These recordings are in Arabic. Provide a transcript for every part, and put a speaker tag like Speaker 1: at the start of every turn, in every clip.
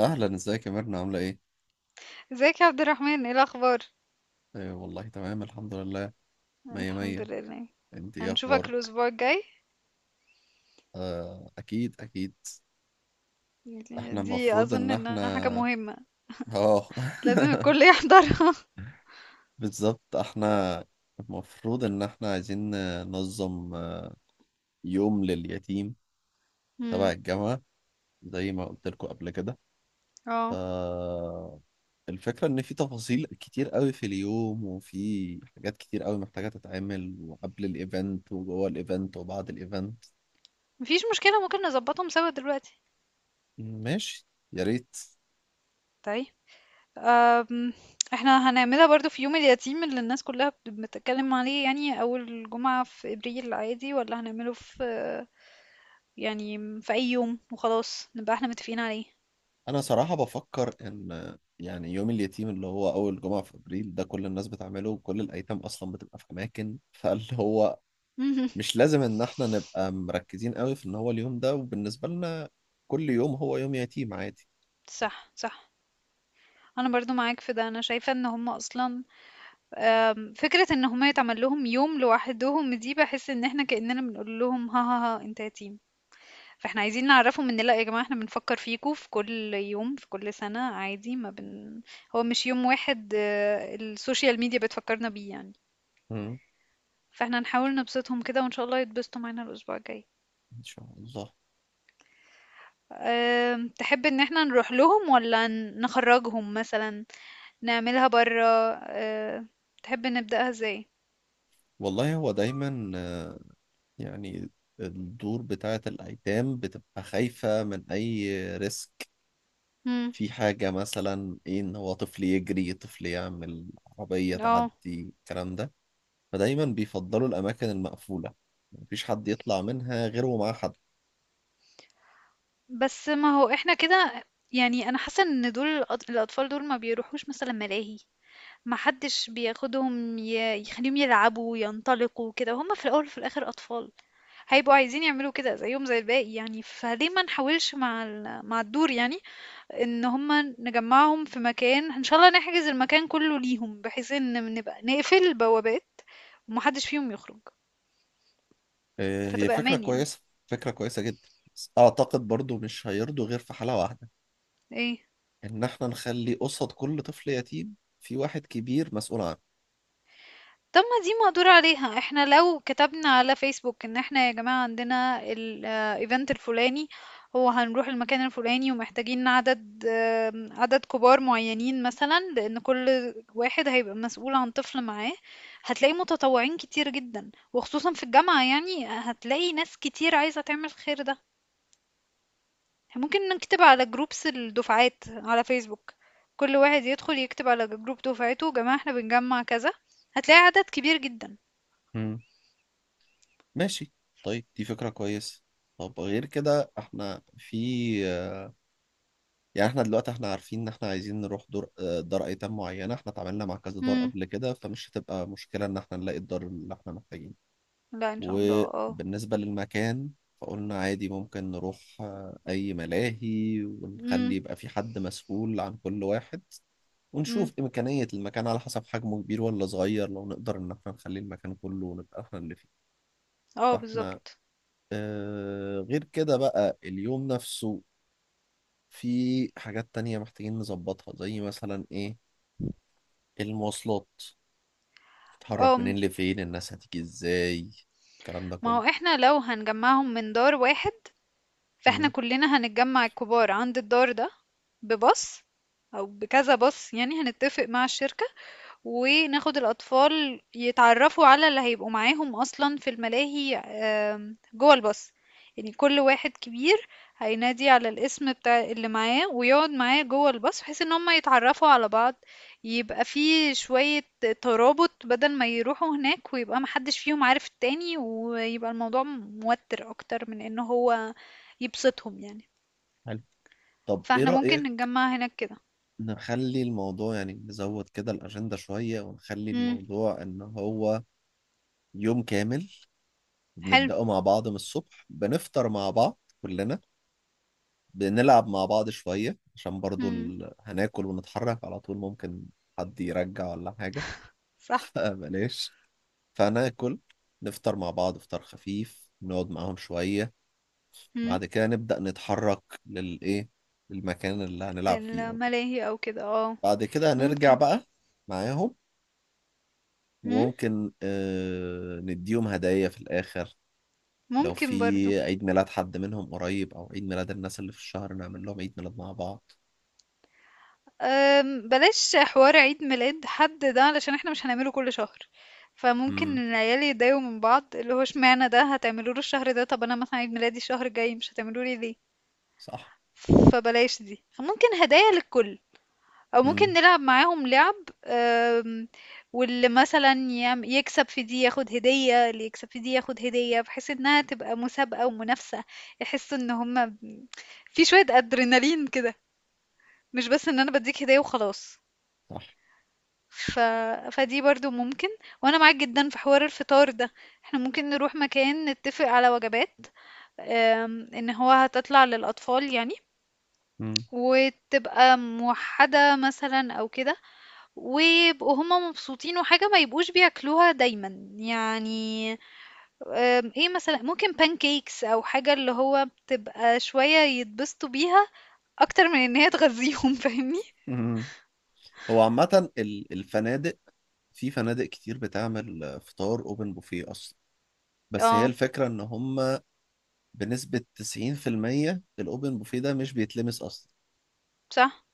Speaker 1: اهلا، ازيك يا ميرنا، عامله ايه؟
Speaker 2: ازيك يا عبد الرحمن؟ ايه الاخبار؟
Speaker 1: أيوة والله تمام الحمد لله. مية
Speaker 2: الحمد
Speaker 1: مية.
Speaker 2: لله.
Speaker 1: انت ايه
Speaker 2: هنشوفك
Speaker 1: اخبارك؟
Speaker 2: الاسبوع الجاي.
Speaker 1: آه اكيد اكيد.
Speaker 2: يعني
Speaker 1: احنا
Speaker 2: دي
Speaker 1: المفروض
Speaker 2: اظن
Speaker 1: ان
Speaker 2: انها حاجه
Speaker 1: احنا
Speaker 2: مهمه،
Speaker 1: اه
Speaker 2: لازم الكل يحضرها.
Speaker 1: بالظبط. احنا المفروض ان احنا عايزين ننظم يوم لليتيم تبع
Speaker 2: امم.
Speaker 1: الجامعه، زي ما قلت لكم قبل كده. ف
Speaker 2: اه.
Speaker 1: الفكره ان في تفاصيل كتير قوي في اليوم، وفي حاجات كتير قوي محتاجه تتعمل، وقبل الايفنت وجوه الايفنت وبعد الايفنت.
Speaker 2: مفيش مشكله، ممكن نظبطهم سوا دلوقتي.
Speaker 1: ماشي، يا ريت.
Speaker 2: طيب. أم. احنا هنعملها برضو في يوم اليتيم اللي الناس كلها بتتكلم عليه، يعني اول جمعه في ابريل، عادي، ولا هنعمله في، يعني في اي يوم وخلاص نبقى احنا متفقين عليه؟
Speaker 1: انا صراحة بفكر ان يعني يوم اليتيم اللي هو اول جمعة في ابريل ده كل الناس بتعمله، وكل الايتام اصلا بتبقى في اماكن، فاللي هو
Speaker 2: مهم.
Speaker 1: مش لازم ان احنا نبقى مركزين قوي في ان هو اليوم ده، وبالنسبة لنا كل يوم هو يوم يتيم عادي.
Speaker 2: صح صح، انا برضو معاك في ده، انا شايفة ان هم اصلا، فكرة ان هما يتعمل لهم يوم لوحدهم دي بحس ان احنا كأننا بنقول لهم ها ها ها انت يتيم. فاحنا عايزين نعرفهم ان لا يا جماعة، احنا بنفكر فيكوا في كل يوم في كل سنة عادي، ما بن هو مش يوم واحد، السوشيال ميديا بتفكرنا بيه يعني.
Speaker 1: مم.
Speaker 2: فاحنا نحاول نبسطهم كده، وان شاء الله يتبسطوا معانا الاسبوع الجاي.
Speaker 1: ان شاء الله.
Speaker 2: تحب ان احنا نروح لهم ولا نخرجهم مثلا، نعملها برا؟ آه، تحب نبدأها ازاي؟
Speaker 1: والله هو دايما يعني الدور بتاعة الايتام بتبقى خايفة من اي ريسك.
Speaker 2: مم.
Speaker 1: في حاجة مثلا إيه، إن هو طفل يجري، طفل يعمل عربية
Speaker 2: اه.
Speaker 1: تعدي، الكلام ده. فدايما بيفضلوا الأماكن المقفولة، مفيش حد يطلع منها غير ومعاه حد.
Speaker 2: بس ما هو احنا كده، يعني انا حاسه ان دول الاطفال دول ما بيروحوش مثلا ملاهي، ما حدش بياخدهم يخليهم يلعبوا ينطلقوا كده. هما في الاول وفي الاخر اطفال، هيبقوا عايزين يعملوا كده زيهم زي الباقي، يعني فليه ما نحاولش مع مع الدور، يعني ان هما نجمعهم في مكان، ان شاء الله نحجز المكان كله ليهم بحيث ان نبقى نقفل البوابات ومحدش فيهم يخرج،
Speaker 1: آه، هي
Speaker 2: فتبقى
Speaker 1: فكرة
Speaker 2: امان يعني.
Speaker 1: كويسة. فكرة كويسة جدا. بس أعتقد برضو مش هيرضوا غير في حالة واحدة،
Speaker 2: ايه؟
Speaker 1: إن إحنا نخلي قصاد كل طفل يتيم في واحد كبير مسؤول عنه.
Speaker 2: طب ما دي مقدور عليها، احنا لو كتبنا على فيسبوك ان احنا يا جماعة عندنا الايفنت الفلاني، هو هنروح المكان الفلاني ومحتاجين عدد كبار معينين، مثلا لان كل واحد هيبقى مسؤول عن طفل معاه، هتلاقي متطوعين كتير جدا، وخصوصا في الجامعة يعني هتلاقي ناس كتير عايزة تعمل الخير ده. ممكن نكتب على جروبس الدفعات على فيسبوك، كل واحد يدخل يكتب على جروب دفعته يا جماعة احنا بنجمع كذا، هتلاقي عدد كبير جدا.
Speaker 1: مم. ماشي. طيب دي فكرة كويسة. طب غير كده إحنا في، يعني احنا دلوقتي احنا عارفين ان احنا عايزين نروح دور، دار ايتام معينه. احنا اتعاملنا مع كذا دار
Speaker 2: مم.
Speaker 1: قبل كده، فمش هتبقى مشكله ان احنا نلاقي الدار اللي احنا محتاجينه.
Speaker 2: لأ إن شاء الله آه.
Speaker 1: وبالنسبه للمكان، فقلنا عادي ممكن نروح اي ملاهي، ونخلي
Speaker 2: إمم.
Speaker 1: يبقى في حد مسؤول عن كل واحد.
Speaker 2: إمم.
Speaker 1: ونشوف إمكانية المكان على حسب حجمه كبير ولا صغير، لو نقدر إن احنا نخلي المكان كله ونبقى احنا اللي فيه.
Speaker 2: آه
Speaker 1: فاحنا
Speaker 2: بالضبط.
Speaker 1: غير كده بقى اليوم نفسه، في حاجات تانية محتاجين نظبطها، زي مثلا إيه، المواصلات، تتحرك منين
Speaker 2: آمم.
Speaker 1: لفين، الناس هتيجي ازاي، الكلام ده
Speaker 2: ما
Speaker 1: كله.
Speaker 2: هو إحنا لو هنجمّعهم من دار واحد، فإحنا
Speaker 1: امم.
Speaker 2: كُلّنا هنتجمّع الكبار عند الدار ده، بباص أو بكذا باص يعني، هنتّفق مع الشركة وناخد الأطفال يتعرفوا على اللي هيبقوا معاهم أصلا في الملاهي جوه الباص. يعني كل واحد كبير هينادي على الاسم بتاع اللي معاه ويقعد معاه جوه الباص بحيث ان هم يتعرفوا على بعض، يبقى فيه شوية ترابط، بدل ما يروحوا هناك ويبقى محدش فيهم عارف التاني ويبقى الموضوع موتر أكتر من ان هو يبسطهم يعني.
Speaker 1: حلو. طب ايه
Speaker 2: فاحنا ممكن
Speaker 1: رأيك
Speaker 2: نتجمع هناك كده.
Speaker 1: نخلي الموضوع، يعني نزود كده الأجندة شوية، ونخلي
Speaker 2: امم.
Speaker 1: الموضوع إن هو يوم كامل.
Speaker 2: حلو.
Speaker 1: بنبدأه مع بعض من الصبح، بنفطر مع بعض كلنا، بنلعب مع بعض شوية، عشان برضو
Speaker 2: امم.
Speaker 1: ال هناكل ونتحرك على طول، ممكن حد يرجع ولا حاجة.
Speaker 2: صح.
Speaker 1: فبلاش. فهناكل، نفطر مع بعض فطار خفيف، نقعد معاهم شوية، بعد كده نبدأ نتحرك للإيه، للمكان اللي هنلعب فيه أو كده.
Speaker 2: للملاهي أو كده.
Speaker 1: بعد كده هنرجع
Speaker 2: ممكن.
Speaker 1: بقى معاهم.
Speaker 2: إمم.
Speaker 1: وممكن آه نديهم هدايا في الآخر. لو في
Speaker 2: ممكن برضه.
Speaker 1: عيد ميلاد حد منهم قريب، أو عيد ميلاد الناس اللي في الشهر، نعمل لهم عيد ميلاد مع بعض.
Speaker 2: بلاش حوار عيد ميلاد حد ده، علشان إحنا مش هنعمله كل شهر، فممكن
Speaker 1: امم.
Speaker 2: العيال يتضايقوا من بعض، اللي هو اشمعنى ده هتعملوه له الشهر ده، طب أنا مثلًا عيد ميلادي الشهر الجاي مش هتعملوه لي ليه؟
Speaker 1: صح.
Speaker 2: فبلاش دي، ممكن هدايا للكل. او ممكن
Speaker 1: امم.
Speaker 2: نلعب معاهم لعب. آم، واللي مثلا يكسب في دي ياخد هدية، اللي يكسب في دي ياخد هدية، بحيث انها تبقى مسابقة ومنافسة، يحسوا ان هما في شوية ادرينالين كده، مش بس ان انا بديك هدية وخلاص.
Speaker 1: صح.
Speaker 2: ف... فدي برضو ممكن. وانا معاك جدا في حوار الفطار ده، احنا ممكن نروح مكان نتفق على وجبات، ان هو هتطلع للاطفال يعني،
Speaker 1: امم.
Speaker 2: وتبقى موحدة مثلا او كده، ويبقوا هُم مبسوطين وحاجة ما يبقوش بياكلوها دايمًا، يعني آمم إيه مثلًا ممكن pancakes أو حاجة اللي هو بتبقى شوية يتبسطوا بيها أكتر من إن هي تغذّيهم فاهمني؟
Speaker 1: امم. هو عامة الفنادق، في فنادق كتير بتعمل آه، فطار أوبن بوفيه أصلا. بس هي
Speaker 2: آه.
Speaker 1: الفكرة إن هم بنسبة 90% الأوبن بوفيه ده مش بيتلمس أصلا.
Speaker 2: صح.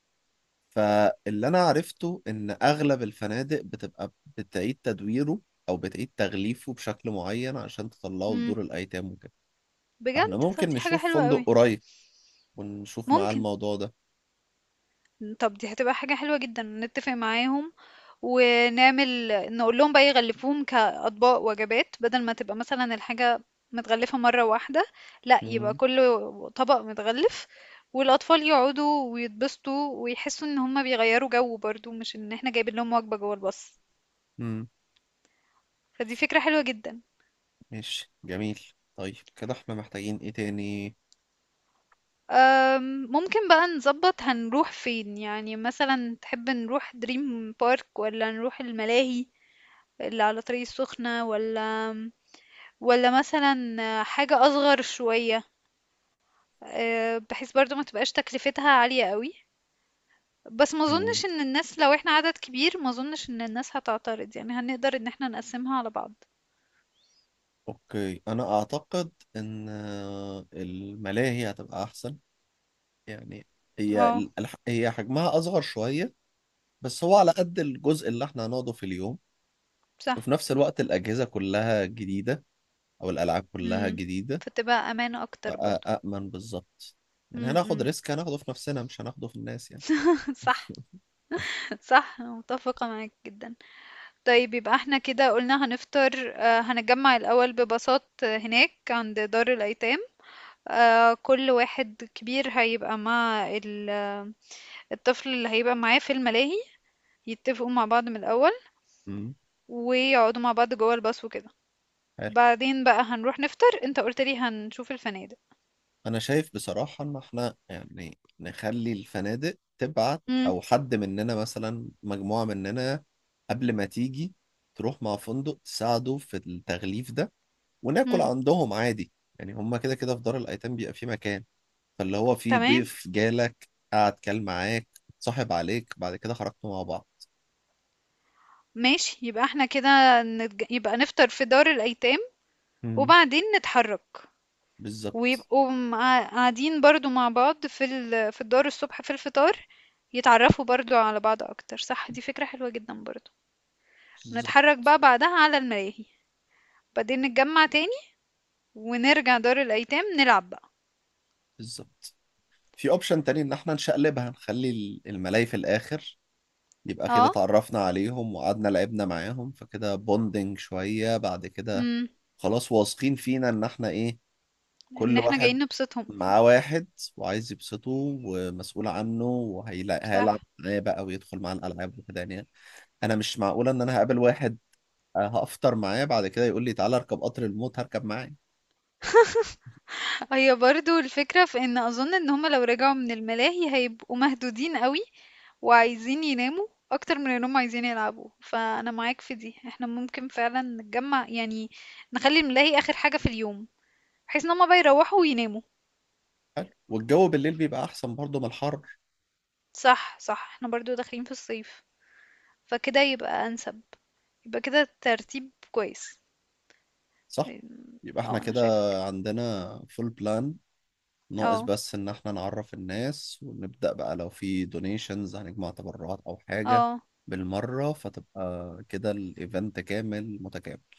Speaker 1: فاللي انا عرفته ان اغلب الفنادق بتبقى بتعيد تدويره، او بتعيد تغليفه بشكل معين عشان تطلعه
Speaker 2: إمم.
Speaker 1: لدور الايتام وكده. فاحنا
Speaker 2: بجد؟ طَب
Speaker 1: ممكن
Speaker 2: دي حاجة
Speaker 1: نشوف
Speaker 2: حلوة
Speaker 1: فندق
Speaker 2: أوي.
Speaker 1: قريب، ونشوف معاه
Speaker 2: ممكن.
Speaker 1: الموضوع ده.
Speaker 2: طب دي هتبقى حاجة حلوة جدا، نتفق معاهم ونعمل، نقول لهم بقى يغلفوهم كأطباق وجبات بدل ما تبقى مثلا الحاجة متغلفة مرة واحدة، لا يبقى
Speaker 1: مم.
Speaker 2: كل طبق متغلف، والأطفال يقعدوا ويتبسطوا ويحسوا إن هما بيغيروا جو برضو مش إن احنا جايبين لهم وجبة جوه الباص.
Speaker 1: مم.
Speaker 2: فدي فكرة حلوة جدا.
Speaker 1: ماشي، جميل. طيب كده احنا محتاجين ايه تاني؟
Speaker 2: ممكن بقى نظبط هنروح فين، يعني مثلا تحب نروح دريم بارك ولا نروح الملاهي اللي على طريق السخنة، ولا والّا مثلًا حاجة أصغر شوية، بحيث برضه ما تبقاش تكلفتها عالية أوي، بس ما
Speaker 1: مم.
Speaker 2: أظنش إن الناس لو إحنا عدد كبير، ما أظنش إن الناس هتعترض، يعني هنقدر إن إحنا نقسّمها على بعض.
Speaker 1: اوكي، انا اعتقد ان الملاهي هتبقى احسن، يعني هي
Speaker 2: آه.
Speaker 1: هي حجمها اصغر شوية، بس هو على قد الجزء اللي احنا هنقعده في اليوم. وفي
Speaker 2: صح.
Speaker 1: نفس الوقت الأجهزة كلها جديدة، أو الألعاب كلها
Speaker 2: إمم.
Speaker 1: جديدة.
Speaker 2: فتبقى أمان أكتر برضه.
Speaker 1: فأأمن بالظبط، يعني
Speaker 2: إمم.
Speaker 1: هناخد
Speaker 2: إمم.
Speaker 1: ريسك، هناخده في نفسنا مش هناخده في الناس يعني.
Speaker 2: صح، صح، أنا متفقة معاك جدًا. طيب يبقى إحنا كده قُلنا هنفطر، هنتجمّع الأول بباصات هناك عند دار الأيتام، كل واحد كبير هيبقى مع الطفل اللي هيبقى معاه في الملاهي، يتفقوا مع بعض من الأول
Speaker 1: امم.
Speaker 2: ويقعدوا مع بعض جوه الباص وكده.
Speaker 1: حلو.
Speaker 2: بعدين بقى هنروح نفطر، انت قلت لي هنشوف الفنادق.
Speaker 1: أنا شايف بصراحة إن إحنا يعني نخلي الفنادق تبعت،
Speaker 2: امم.
Speaker 1: أو حد مننا مثلا مجموعة مننا قبل ما تيجي تروح مع فندق، تساعده في التغليف ده، وناكل
Speaker 2: امم.
Speaker 1: عندهم عادي. يعني هما كده كده في دار الأيتام بيبقى في مكان، فاللي هو في
Speaker 2: تمام.
Speaker 1: ضيف جالك قعد كان معاك، صاحب عليك، بعد كده خرجتوا مع بعض.
Speaker 2: ماشي. يبقى احنا كده يبقى نفطر في دار الأيتام،
Speaker 1: مم.
Speaker 2: وبعدين نتحرك،
Speaker 1: بالظبط.
Speaker 2: ويبقوا قاعدين برضو مع بعض في في الدار الصبح في الفطار، يتعرفوا برضو على بعض أكتر. صح دي فكرة حلوة جدا برضو.
Speaker 1: بالظبط.
Speaker 2: نتحرك بقى بعدها على الملاهي، بعدين نتجمع تاني ونرجع دار الأيتام نلعب بقى.
Speaker 1: بالظبط. في اوبشن تاني ان احنا نشقلبها، نخلي الملاي في الاخر. يبقى كده
Speaker 2: اه.
Speaker 1: اتعرفنا عليهم وقعدنا لعبنا معاهم، فكده بوندنج شوية، بعد كده
Speaker 2: امم.
Speaker 1: خلاص واثقين فينا ان احنا ايه.
Speaker 2: ان
Speaker 1: كل
Speaker 2: احنا
Speaker 1: واحد
Speaker 2: جايين نبسطهم.
Speaker 1: معاه واحد، وعايز يبسطه، ومسؤول عنه، وهيلعب
Speaker 2: صح.
Speaker 1: معاه بقى ويدخل معاه الالعاب وكده يعني. انا مش معقولة ان انا هقابل واحد هفطر معاه، بعد كده يقول لي تعالى اركب قطر الموت، هركب معاه.
Speaker 2: هي برضو الفكرة في ان اظن ان هما لو رجعوا من الملاهي هيبقوا مهدودين قوي وعايزين يناموا اكتر من انهم عايزين يلعبوا، فانا معاك في دي، احنا ممكن فعلا نتجمع يعني نخلي الملاهي اخر حاجة في اليوم، بحيث ان هما بقى يروحوا ويناموا.
Speaker 1: حلو، والجو بالليل بيبقى احسن برضه من الحر.
Speaker 2: صح صح، احنا برضو داخلين في الصيف فكده يبقى انسب. يبقى كده ترتيب كويس.
Speaker 1: صح. يبقى احنا
Speaker 2: اه، انا
Speaker 1: كده
Speaker 2: شايفك.
Speaker 1: عندنا فول بلان. ناقص
Speaker 2: اه،
Speaker 1: بس ان احنا نعرف الناس، ونبدأ بقى لو في دونيشنز هنجمع تبرعات او حاجة
Speaker 2: اه.
Speaker 1: بالمرة، فتبقى كده الايفنت كامل متكامل.